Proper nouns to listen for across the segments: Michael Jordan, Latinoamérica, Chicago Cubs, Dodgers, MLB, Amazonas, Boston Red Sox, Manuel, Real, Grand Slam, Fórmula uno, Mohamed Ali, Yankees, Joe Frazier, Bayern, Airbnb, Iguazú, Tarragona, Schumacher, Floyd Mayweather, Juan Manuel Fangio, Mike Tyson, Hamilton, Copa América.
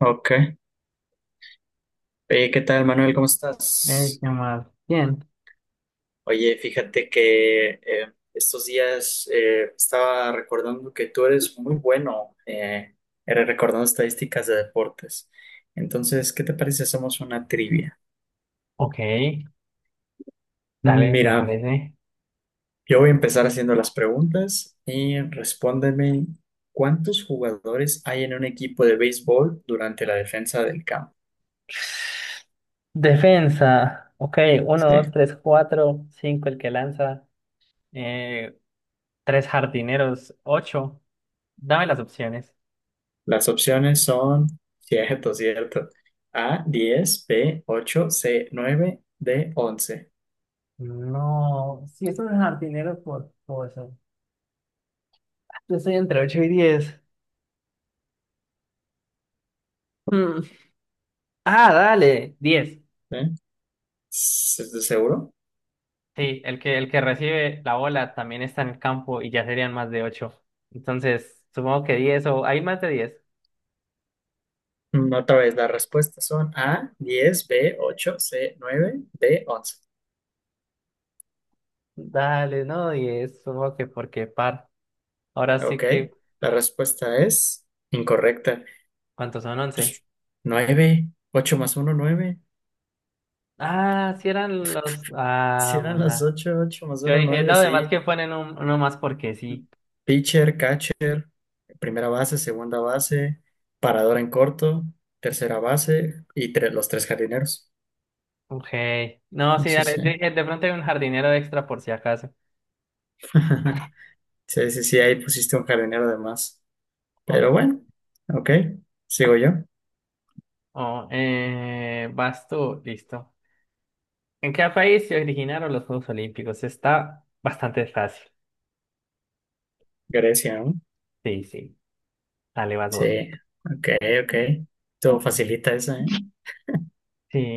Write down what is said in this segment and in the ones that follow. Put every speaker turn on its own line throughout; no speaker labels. Ok. Oye, ¿qué tal, Manuel? ¿Cómo estás?
¿Qué más? Bien.
Oye, fíjate que estos días estaba recordando que tú eres muy bueno eres recordando estadísticas de deportes. Entonces, ¿qué te parece si hacemos una trivia?
Ok,
Mm,
dale, me
Mira,
parece.
yo voy a empezar haciendo las preguntas y respóndeme, ¿cuántos jugadores hay en un equipo de béisbol durante la defensa del campo?
Defensa. Ok, uno, dos,
Sí.
tres, cuatro, cinco, el que lanza. Eh, tres jardineros, ocho. Dame las opciones.
Las opciones son, cierto, cierto. A, 10, B, 8, C, 9, D, 11.
No, si es un jardinero por cosa. Yo estoy entre ocho y diez. Mm. Ah, dale, diez.
¿Eh? Seguro?
Sí, el que recibe la bola también está en el campo y ya serían más de ocho. Entonces, supongo que diez o hay más de diez.
Mm, Otra vez, las respuestas son A, 10, B, 8, C, 9, D, 11.
Dale, no, y es supongo que porque par. Ahora sí
Ok,
que,
la respuesta es incorrecta.
¿cuántos son once?
Pues 9, 8 más uno 9.
Ah, sí eran los.
Si
Ah,
eran las
bondad.
ocho, ocho más
Yo
uno
dije, no,
9
además
sí.
que ponen uno más porque sí.
Pitcher, catcher, primera base, segunda base, paradora en corto, tercera base y los tres jardineros.
Ok. No, sí,
Sí,
dale.
sí.
Dije, de pronto hay un jardinero extra por si acaso.
Sí, sí, sí, ahí pusiste un jardinero de más.
Ok.
Pero bueno, ok, sigo yo.
Oh, vas tú, listo. ¿En qué país se originaron los Juegos Olímpicos? Está bastante fácil.
Grecia, ¿no?
Sí, sí. Dale, vas vos.
Sí, ok, ok. Todo facilita esa, ¿eh?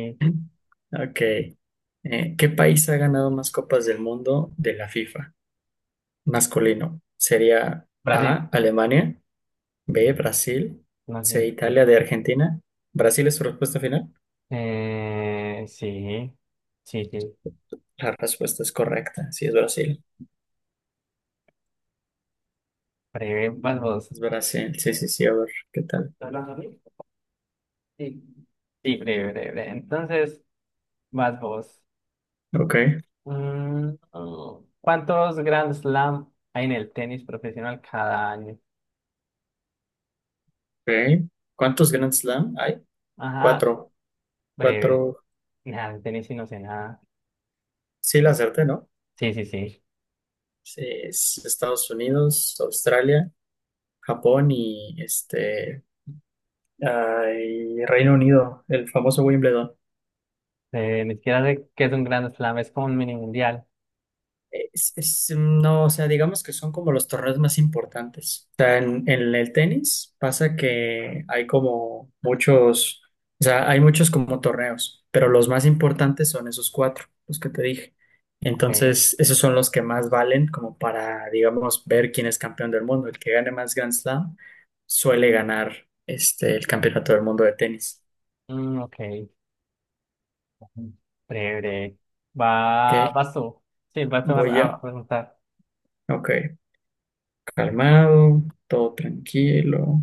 Ok. ¿Qué país ha ganado más copas del mundo de la FIFA? Masculino. ¿Sería
Brasil.
A, Alemania? B, Brasil.
No,
C,
sí.
Italia, de Argentina. ¿Brasil es su respuesta final?
Sí, sí, sí.
La respuesta es correcta. Sí, es Brasil.
Breve, vas vos.
Es Brasil. Sí, sí, sí. A ver, ¿qué tal?
¿Estás hablando a mí? Sí. Sí, breve, breve, breve. Entonces, vas vos.
Ok,
Mm, oh. ¿Cuántos Grand Slam hay en el tenis profesional cada año?
ok. ¿Cuántos Grand Slam hay?
Ajá,
Cuatro.
breve.
Cuatro.
Nada, de tenis sí no sé nada.
Sí, la acerté, ¿no?
Sí, sí, sí.
Sí, es Estados Unidos, Australia, Japón y este, ah, y Reino Unido, el famoso Wimbledon.
Ni siquiera sé qué es un Grand Slam, es como un mini mundial.
No, o sea, digamos que son como los torneos más importantes. O sea, en el tenis pasa que hay como muchos, o sea, hay muchos como torneos, pero los más importantes son esos cuatro, los que te dije.
Ok.
Entonces, esos son los que más valen como para, digamos, ver quién es campeón del mundo. El que gane más Grand Slam suele ganar este, el campeonato del mundo de tenis.
Mm, ok. Breve, breve. Va,
¿Ok?
vas tú. Sí, vas tú
Voy yo.
a preguntar.
Ok, calmado, todo tranquilo.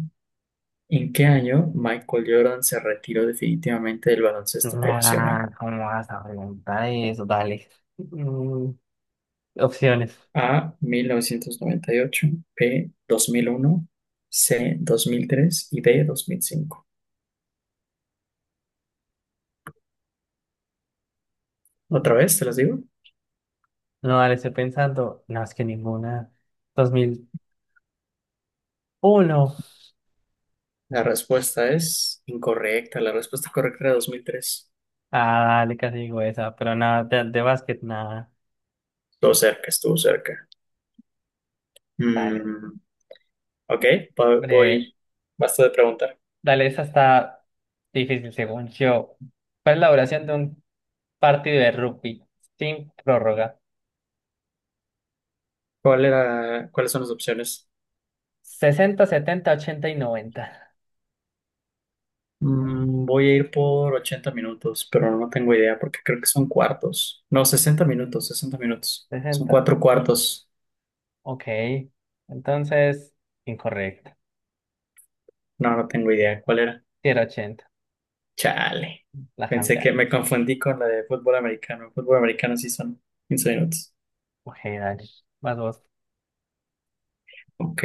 ¿En qué año Michael Jordan se retiró definitivamente del baloncesto profesional?
Nah, ¿cómo vas a preguntar eso? Dale. Mm, opciones.
A, 1998, B, 2001, C, 2003 y D, 2005.
Mm,
¿Otra vez te las digo?
No, dale, estoy pensando. No, es que ninguna. Dos mil uno.
La respuesta es incorrecta. La respuesta correcta era 2003.
Ah, dale, casi digo esa. Pero nada, de básquet, nada.
Estuvo cerca, estuvo cerca.
Dale.
Mm, ok,
Breve.
voy. Basta de preguntar.
Dale, esa está difícil según yo. ¿Cuál es la duración de un partido de rugby sin prórroga?
¿Cuál era, cuáles son las opciones?
Sesenta, setenta, 80 y noventa.
Mm, voy a ir por 80 minutos, pero no tengo idea porque creo que son cuartos. No, 60 minutos, 60 minutos. Son
Sesenta.
cuatro cuartos.
Ok. Entonces, incorrecto.
No, no tengo idea. ¿Cuál era?
Si era 80.
Chale.
La
Pensé que
cambiar.
me confundí con la de fútbol americano. Fútbol americano sí son 15 minutos.
Ok, dale. Vas vos.
Ok.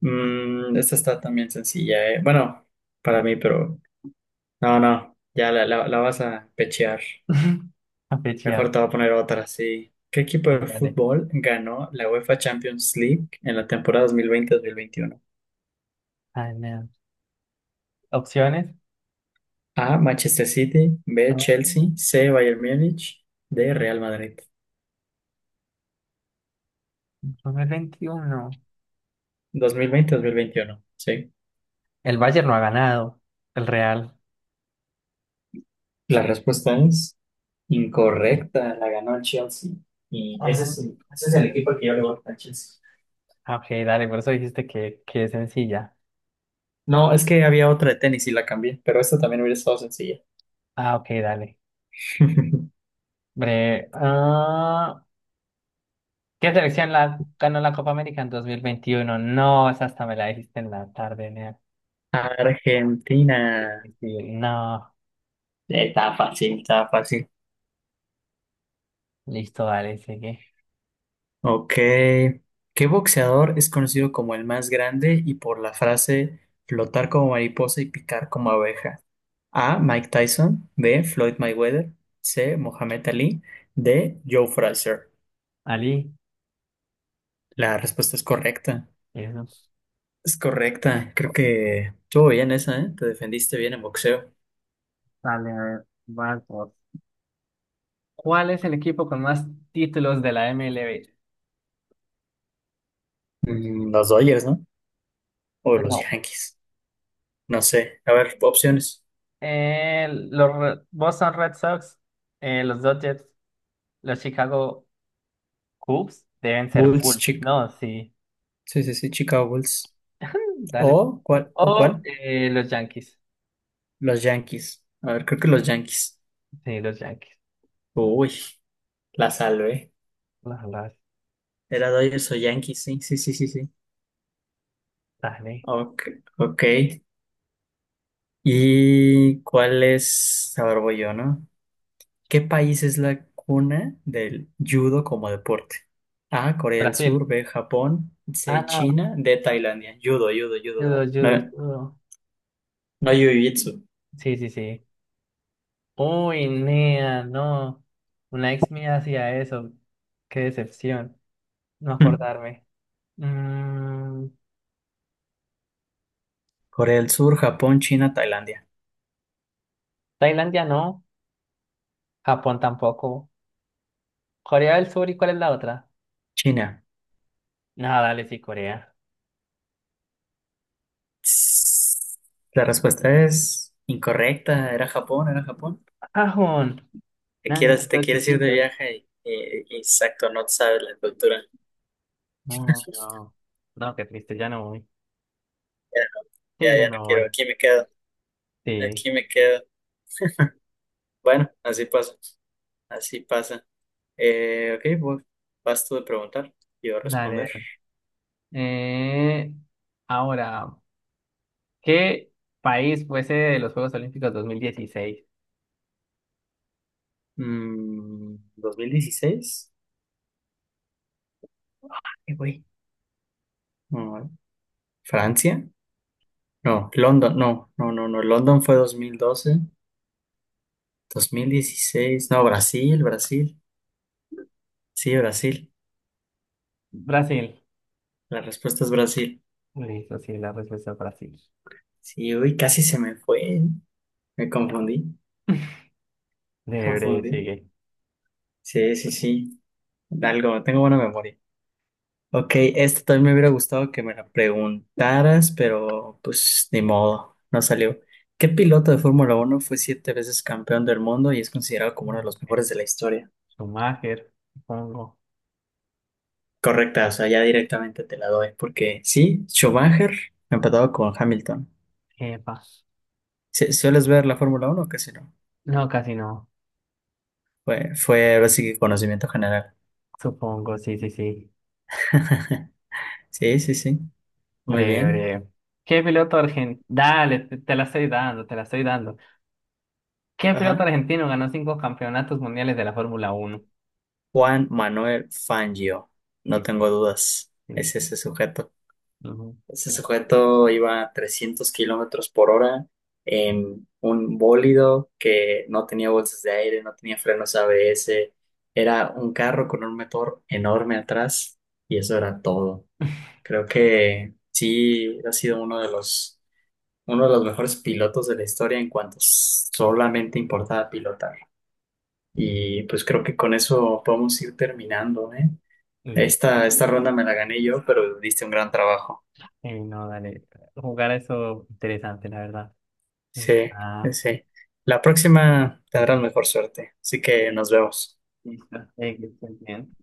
Mm, esta está también sencilla, eh. Bueno, para mí, pero no, no. Ya la vas a pechear.
A
Mejor
fichear.
te voy a poner otra, sí. ¿Qué equipo
Sí,
de
dale.
fútbol ganó la UEFA Champions League en la temporada 2020-2021?
Ay, no. Opciones.
A, Manchester City, B,
No,
Chelsea, C, Bayern Múnich, D, Real Madrid.
2021.
2020-2021, sí.
El Bayern no ha ganado. El Real.
La respuesta es incorrecta, la ganó el Chelsea. Y
Ah,
ese es el equipo al que yo le voy, a Chelsea.
ah, ok, dale. Por eso dijiste que es sencilla.
No, es que había otra de tenis y la cambié, pero esta también hubiera estado sencilla.
Ah, ok, dale. Bre ah, ¿qué selección la, ganó la Copa América en 2021? No, esa hasta me la dijiste en la tarde, nea. Sí,
Argentina.
sí. No.
Estaba fácil, estaba fácil.
Listo, dale, sigue.
Ok. ¿Qué boxeador es conocido como el más grande y por la frase flotar como mariposa y picar como abeja? A, Mike Tyson. B, Floyd Mayweather. C, Mohamed Ali. D, Joe Frazier.
Ali.
La respuesta es correcta.
Eso.
Es correcta. Creo que estuvo bien esa, ¿eh? Te defendiste bien en boxeo.
Dale, a ver, vas vos. ¿Cuál es el equipo con más títulos de la MLB?
Mm, Los Dodgers, ¿no? O los
No.
Yankees. No sé. A ver, opciones.
Los Boston Red Sox, los Dodgers, los Chicago Cubs deben ser
Bulls,
Bulls.
chic.
No, sí.
Sí, sí, sí, Chicago Bulls.
Dale.
¿O cuál? ¿O
O
cuál?
los Yankees.
Los Yankees. A ver, creo que los Yankees.
Sí, los Yankees.
Uy, la salvé.
Las, las-
Era Dodgers o Yankees, sí, sí, sí, sí, sí.
dale.
Ok, ok. ¿Y cuál es? A ver, voy yo, ¿no? ¿Qué país es la cuna del judo como deporte? A, Corea del Sur,
Brasil.
B, Japón, C,
Ah,
China, D, Tailandia. Judo, judo,
judo,
judo.
judo,
No,
judo.
no, jiu-jitsu.
Sí, sí, sí. Uy, nea, no. Una ex mía hacía eso. Qué decepción. No
Hmm.
acordarme. Mm,
Corea del Sur, Japón, China, Tailandia.
Tailandia no, Japón tampoco. Corea del Sur, ¿y cuál es la otra?
China.
No, dale, sí, Corea.
Tss. La respuesta es incorrecta. Era Japón, era Japón.
¡Ajón! No, si están
Te
todos
quieres ir de
chiquitos.
viaje y exacto, no sabes la cultura.
No, no. No, no, qué triste, ya no voy.
Ya, no-
Sí,
ya,
ya
ya no
no
quiero,
voy.
aquí me quedo,
Sí.
aquí me quedo. Bueno, así pasa, así pasa. Ok, pues vas tú de preguntar, yo a responder.
Dale. Eh, ahora, ¿qué país fuese de los Juegos Olímpicos dos mil dieciséis?
Mm, 2016, ¿qué güey? No, Francia, no, London, no, no, no, no, London fue 2012, 2016 no, Brasil, Brasil, sí, Brasil,
Brasil.
la respuesta es Brasil.
Listo, sí, la respuesta es Brasil.
Sí, uy, casi se me fue, me confundí.
Debre,
Confundí.
sigue.
Sí, sí, sí. Algo, tengo buena memoria. Ok, este también me hubiera gustado que me la preguntaras, pero pues ni modo, no salió. ¿Qué piloto de Fórmula Uno fue siete veces campeón del mundo y es considerado como uno de los
Mm.
mejores de la historia?
Schumacher, supongo.
Correcta, o sea, ya directamente te la doy, porque sí, Schumacher empatado con Hamilton.
Epa.
Sí, ¿sueles ver la Fórmula Uno o casi no?
No, casi no.
Fue, fue ahora sí que conocimiento general.
Supongo, sí, sí, sí.
Sí, sí, sí. Muy
Hombre,
bien.
hombre. ¿Qué piloto argentino? Dale, te la estoy dando, te la estoy dando. ¿Qué piloto
Ajá.
argentino ganó cinco campeonatos mundiales de la Fórmula uno?
Juan Manuel Fangio,
Sí,
no tengo
sí,
dudas,
sí.
es ese sujeto.
Ujú,
Ese
sí.
sujeto iba a 300 km/h kilómetros por hora en un bólido que no tenía bolsas de aire, no tenía frenos ABS, era un carro con un motor enorme atrás y eso era todo. Creo que sí ha sido uno de los mejores pilotos de la historia en cuanto solamente importaba pilotar. Y pues creo que con eso podemos ir terminando, ¿eh?
Listo.
Esta ronda me la gané yo, pero diste un gran trabajo.
No, dale. Jugar eso interesante, la verdad.
Sí, sí,
Está
sí. La próxima tendrás mejor suerte. Así que nos vemos.
listo. Que estés bien.